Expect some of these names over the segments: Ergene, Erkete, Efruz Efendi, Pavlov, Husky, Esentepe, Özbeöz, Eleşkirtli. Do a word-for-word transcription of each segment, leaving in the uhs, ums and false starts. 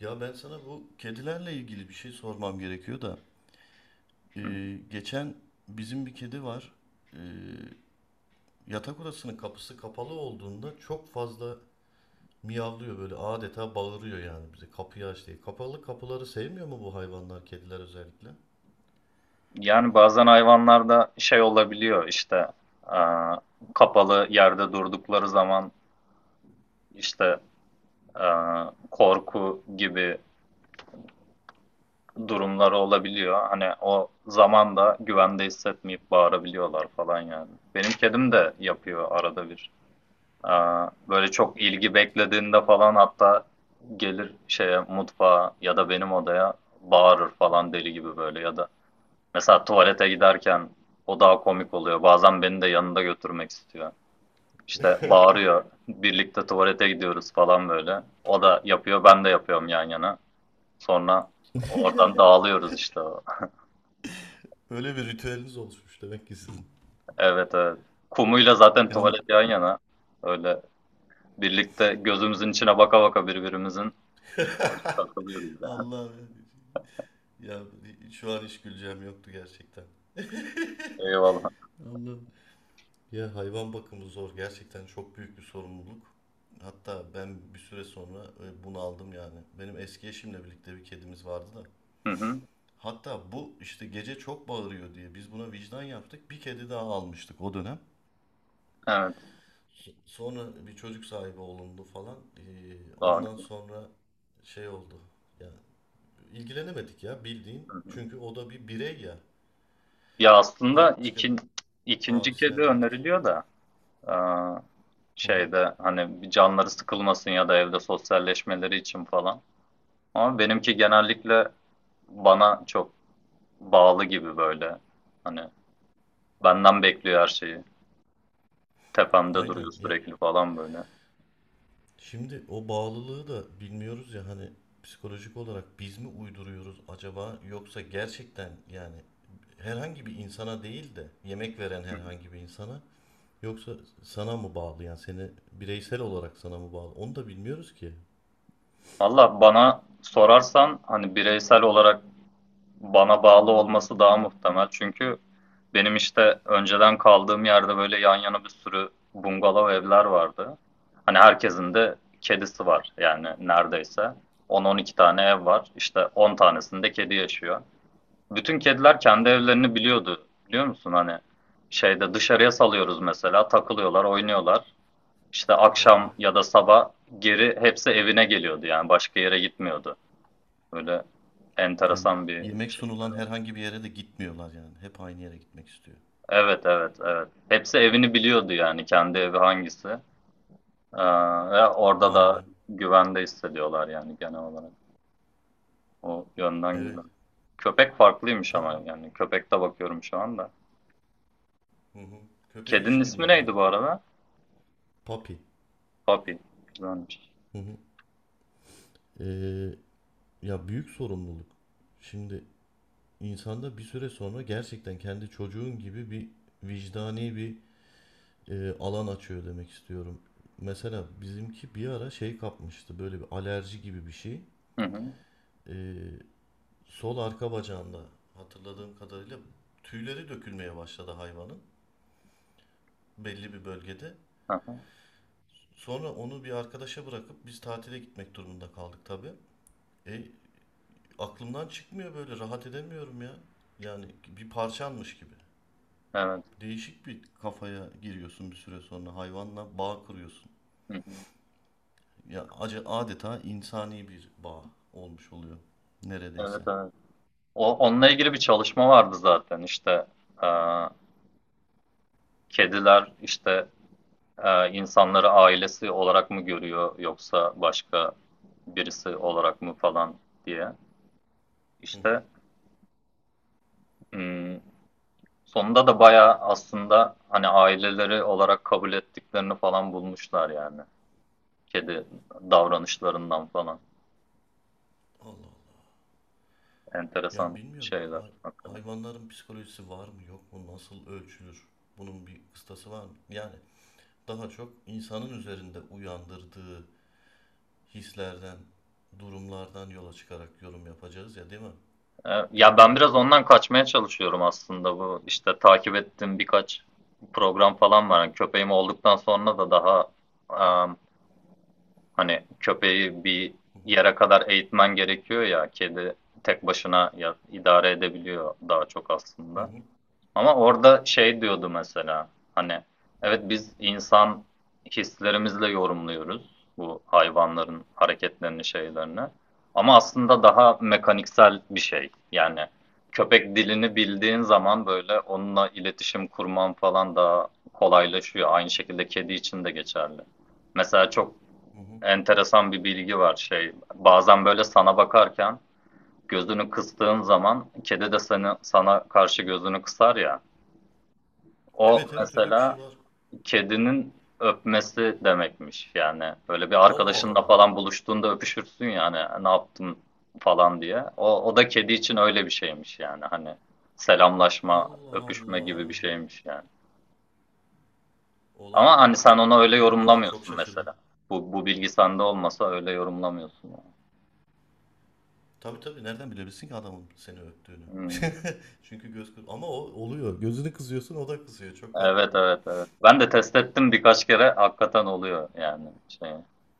Ya ben sana bu kedilerle ilgili bir şey sormam gerekiyor da. Ee, geçen bizim bir kedi var. Ee, Yatak odasının kapısı kapalı olduğunda çok fazla miyavlıyor, böyle adeta bağırıyor yani bize kapıyı aç diye. Kapalı kapıları sevmiyor mu bu hayvanlar, kediler özellikle? Yani bazen hayvanlarda şey olabiliyor işte e, kapalı yerde durdukları zaman işte e, korku gibi durumları olabiliyor. Hani o zaman da güvende hissetmeyip bağırabiliyorlar falan yani. Benim kedim de yapıyor arada bir. E, böyle çok ilgi beklediğinde falan hatta gelir şeye mutfağa ya da benim odaya bağırır falan deli gibi böyle ya da mesela tuvalete giderken o daha komik oluyor. Bazen beni de yanında götürmek istiyor. İşte bağırıyor. Birlikte tuvalete gidiyoruz falan böyle. O da yapıyor, ben de yapıyorum yan yana. Sonra oradan dağılıyoruz işte. Öyle bir ritüeliniz oluşmuş demek ki sizin. Evet, evet. Kumuyla zaten Yan... tuvalet yan yana. Öyle birlikte gözümüzün içine baka baka birbirimizin takılıyoruz yani. Allah'ım ya, şu an hiç güleceğim yoktu gerçekten. Eyvallah. Allah'ım. Ya, hayvan bakımı zor. Gerçekten çok büyük bir sorumluluk. Hatta ben bir süre sonra e, bunu aldım yani. Benim eski eşimle birlikte bir kedimiz vardı da. Hı hı. Hatta bu işte gece çok bağırıyor diye biz buna vicdan yaptık. Bir kedi daha almıştık o dönem. Evet. So- Sonra bir çocuk sahibi olundu falan. E, Daha ondan güzel. sonra şey oldu. Ya, ilgilenemedik ya, bildiğin. Hı hı. Çünkü o da bir birey ya. Ya aslında Başka ikin, ikinci kedi abisine verdik. öneriliyor da. Hı hı. Şeyde hani bir canları sıkılmasın ya da evde sosyalleşmeleri için falan. Ama benimki genellikle bana çok bağlı gibi böyle. Hani benden bekliyor her şeyi. Tepemde Aynen duruyor ya, sürekli falan böyle. şimdi o bağlılığı da bilmiyoruz ya, hani psikolojik olarak biz mi uyduruyoruz acaba, yoksa gerçekten yani herhangi bir insana değil de yemek veren herhangi bir insana, yoksa sana mı bağlı, yani seni bireysel olarak sana mı bağlı, onu da bilmiyoruz ki. Valla bana sorarsan hani bireysel olarak bana bağlı olması daha muhtemel. Çünkü benim işte önceden kaldığım yerde böyle yan yana bir sürü bungalov evler vardı. Hani herkesin de kedisi var yani neredeyse. on, on iki tane ev var. İşte on tanesinde kedi yaşıyor. Bütün kediler kendi evlerini biliyordu. Biliyor musun? Hani şeyde dışarıya salıyoruz mesela. Takılıyorlar, oynuyorlar. İşte Vay be. akşam ya da sabah geri hepsi evine geliyordu yani başka yere gitmiyordu. Böyle Yani enteresan bir yemek şey. sunulan herhangi bir yere de gitmiyorlar, yani hep aynı yere gitmek istiyor. Evet, evet, evet. Hepsi evini biliyordu yani kendi evi hangisi. Ee, ve orada Vay da be. güvende hissediyorlar yani genel olarak. O yönden Evet, güzel. Köpek farklıymış tabii. ama yani köpekte bakıyorum şu anda. Hı hı. Köpeği Kedinin hiç ismi bilmiyorum ben. neydi bu arada? Papi. Papi. Güzelmiş. Hı hı. Ee, Ya, büyük sorumluluk. Şimdi insanda bir süre sonra gerçekten kendi çocuğun gibi bir vicdani bir e, alan açıyor demek istiyorum. Mesela bizimki bir ara şey kapmıştı, böyle bir alerji gibi bir şey. Hı hı. E, Sol arka bacağında, hatırladığım kadarıyla, tüyleri dökülmeye başladı hayvanın, belli bir bölgede. Hı hı. Sonra onu bir arkadaşa bırakıp biz tatile gitmek durumunda kaldık tabii. E, Aklımdan çıkmıyor böyle, rahat edemiyorum ya. Yani bir parçanmış gibi. Evet. Değişik bir kafaya giriyorsun bir süre sonra. Hayvanla bağ kuruyorsun. Hı hı. Ya, acı, adeta insani bir bağ olmuş oluyor Evet, neredeyse. evet. O, onunla ilgili bir çalışma vardı zaten işte. e, kediler işte e, insanları ailesi olarak mı görüyor yoksa başka birisi olarak mı falan diye. Hı İşte hı. hmm, sonunda da bayağı aslında hani aileleri olarak kabul ettiklerini falan bulmuşlar yani. Kedi davranışlarından falan. Allah Allah. Yani Enteresan bilmiyorum. İşte, şeyler Hay- hakikaten. hayvanların psikolojisi var mı yok mu? Nasıl ölçülür? Bunun bir kıstası var mı? Yani daha çok insanın üzerinde uyandırdığı hislerden, durumlardan yola çıkarak yorum yapacağız ya, değil mi? E, ya ben Bilmiyorum. biraz ondan kaçmaya çalışıyorum aslında bu işte takip ettiğim birkaç program falan var. Yani köpeğim olduktan sonra da daha e, Hani köpeği bir Hı hı. yere kadar eğitmen gerekiyor ya. Kedi tek başına ya- idare edebiliyor daha çok Hı aslında. hı. Ama orada şey diyordu mesela. Hani evet biz insan hislerimizle yorumluyoruz bu hayvanların hareketlerini, şeylerini. Ama aslında daha mekaniksel bir şey. Yani köpek dilini bildiğin zaman böyle onunla iletişim kurman falan daha kolaylaşıyor. Aynı şekilde kedi için de geçerli. Mesela çok Hı hı. enteresan bir bilgi var şey. Bazen böyle sana bakarken gözünü kıstığın zaman kedi de seni, sana karşı gözünü kısar ya. O Evet, evet, öyle bir mesela şey var. kedinin öpmesi demekmiş. Yani böyle bir Allah arkadaşınla Allah. falan buluştuğunda öpüşürsün yani ne yaptın falan diye. O, o da kedi için öyle bir şeymiş yani hani selamlaşma, Allah öpüşme Allah. gibi bir şeymiş yani. Ama Olaya hani bak ya. sen onu öyle Abi şu an çok yorumlamıyorsun şaşırdım. mesela. Bu, bu bilgi sende olmasa öyle yorumlamıyorsun yani. Tabii, tabii, nereden bilebilirsin ki adamın seni öptüğünü? Hmm. Çünkü göz kır- ama o oluyor. Gözünü kızıyorsun, o da kızıyor. Çok garip. Evet, evet, evet. Ben de test ettim birkaç kere hakikaten oluyor yani şey.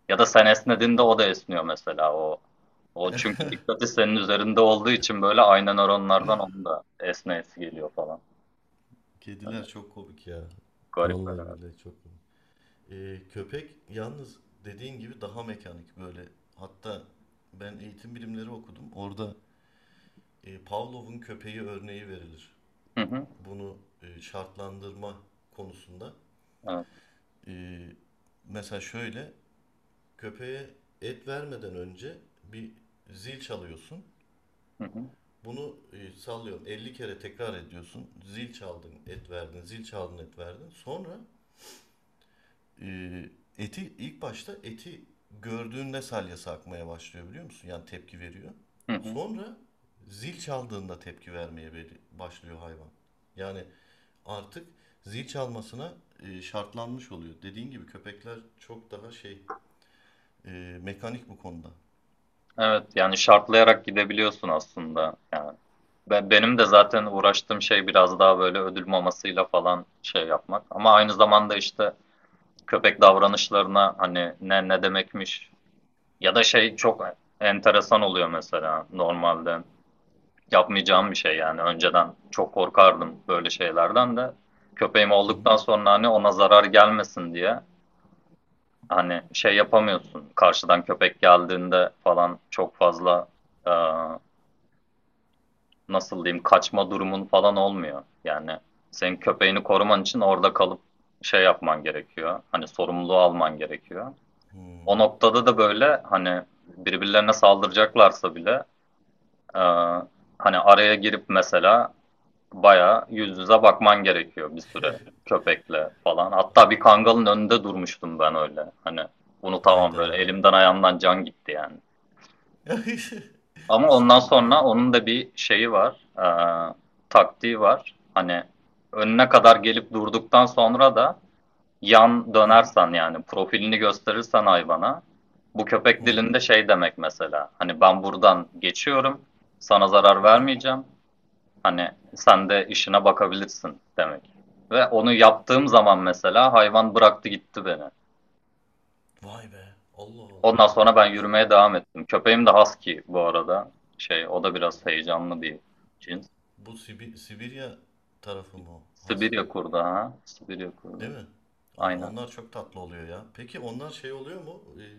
Ya da sen esnediğinde o da esniyor mesela o. O çünkü dikkati senin üzerinde olduğu için böyle aynı nöronlardan onun da esneyesi geliyor falan. Böyle Kediler çok komik ya. garip böyle. Vallahi billahi çok komik. Ee, köpek yalnız, dediğin gibi, daha mekanik böyle. Hatta ben eğitim bilimleri okudum. Orada e, Pavlov'un köpeği örneği verilir. Hı hı. Bunu e, şartlandırma konusunda. Evet. E, Mesela şöyle, köpeğe et vermeden önce bir zil çalıyorsun. Hı hı. Bunu e, sallıyorum elli kere tekrar ediyorsun. Zil çaldın, et verdin, zil çaldın, et verdin. Sonra e, eti, ilk başta eti gördüğünde salyası akmaya başlıyor, biliyor musun? Yani tepki veriyor. Hı hı. Sonra zil çaldığında tepki vermeye başlıyor hayvan. Yani artık zil çalmasına e, şartlanmış oluyor. Dediğin gibi köpekler çok daha şey, e, mekanik bu konuda. Evet yani şartlayarak gidebiliyorsun aslında yani. Ve benim de zaten uğraştığım şey biraz daha böyle ödül mamasıyla falan şey yapmak. Ama aynı zamanda işte köpek davranışlarına hani ne ne demekmiş. Ya da şey çok enteresan oluyor mesela normalde. Yapmayacağım bir şey yani. Önceden çok korkardım böyle şeylerden de. Köpeğim Hı hı. olduktan sonra hani ona zarar gelmesin diye hani şey yapamıyorsun. Karşıdan köpek geldiğinde falan çok fazla e, nasıl diyeyim kaçma durumun falan olmuyor. Yani senin köpeğini koruman için orada kalıp şey yapman gerekiyor. Hani sorumluluğu alman gerekiyor. O Hmm. noktada da böyle hani birbirlerine saldıracaklarsa bile Ee, hani araya girip mesela bayağı yüz yüze bakman gerekiyor bir süre köpekle falan. Hatta bir kangalın önünde durmuştum ben öyle. Hani bunu tamam böyle Hayda. elimden ayağımdan can gitti yani. Ama ondan Sıkıntı sonra ya. onun da bir şeyi var. ee, taktiği var. Hani önüne kadar gelip durduktan sonra da yan Hı hı. dönersen yani profilini gösterirsen hayvana bu köpek Hı. dilinde şey demek mesela. Hani ben buradan geçiyorum. Sana zarar Hı hı. vermeyeceğim. Hani sen de işine bakabilirsin demek. Ve onu yaptığım zaman mesela hayvan bıraktı gitti beni. Vay be. Allah Ondan Allah. sonra ben Bu şey, yürümeye devam ettim. Köpeğim de husky bu arada. Şey o da biraz heyecanlı bir cins. bu Sibi- Sibirya tarafı mı o? Sibirya Husky? kurdu ha. Sibirya kurdu. Değil mi? Ay, Aynen. onlar çok tatlı oluyor ya. Peki onlar şey oluyor mu? Ee,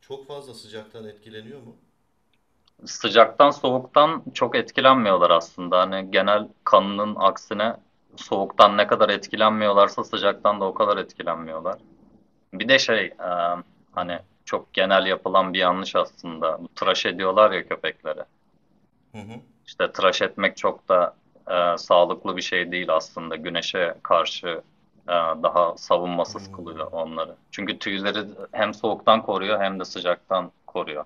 Çok fazla sıcaktan etkileniyor mu? Sıcaktan soğuktan çok etkilenmiyorlar aslında. Hani genel kanının aksine soğuktan ne kadar etkilenmiyorlarsa sıcaktan da o kadar etkilenmiyorlar. Bir de şey e, hani Anladım. çok genel yapılan bir yanlış aslında. Bu tıraş ediyorlar ya köpekleri. Hı hı. İşte tıraş etmek çok da e, sağlıklı bir şey değil aslında. Güneşe karşı e, daha savunmasız kılıyor Hmm. onları. Çünkü tüyleri hem soğuktan koruyor hem de sıcaktan koruyor.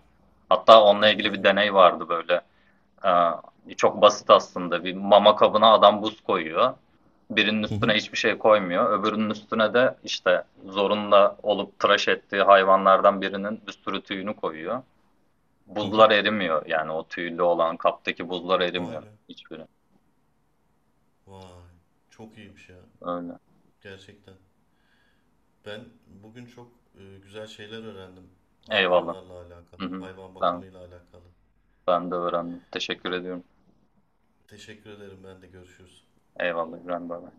Hatta onunla Tabii ilgili bir canım. deney vardı böyle. Ee, çok basit aslında. Bir mama kabına adam buz koyuyor. Birinin Hı üstüne hı. hiçbir şey koymuyor. Öbürünün üstüne de işte zorunda olup tıraş ettiği hayvanlardan birinin bir sürü tüyünü koyuyor. Hı hı. Buzlar erimiyor. Yani o tüylü olan kaptaki buzlar Vay erimiyor be. hiçbiri. Vay. Çok iyiymiş ya. Öyle. Gerçekten. Ben bugün çok e, güzel şeyler öğrendim, Eyvallah. hayvanlarla alakalı, Hı hı. hayvan Ben, bakımıyla alakalı. ben de öğrendim. Teşekkür ediyorum. Teşekkür ederim ben de, görüşürüz. Eyvallah İbrahim Baba.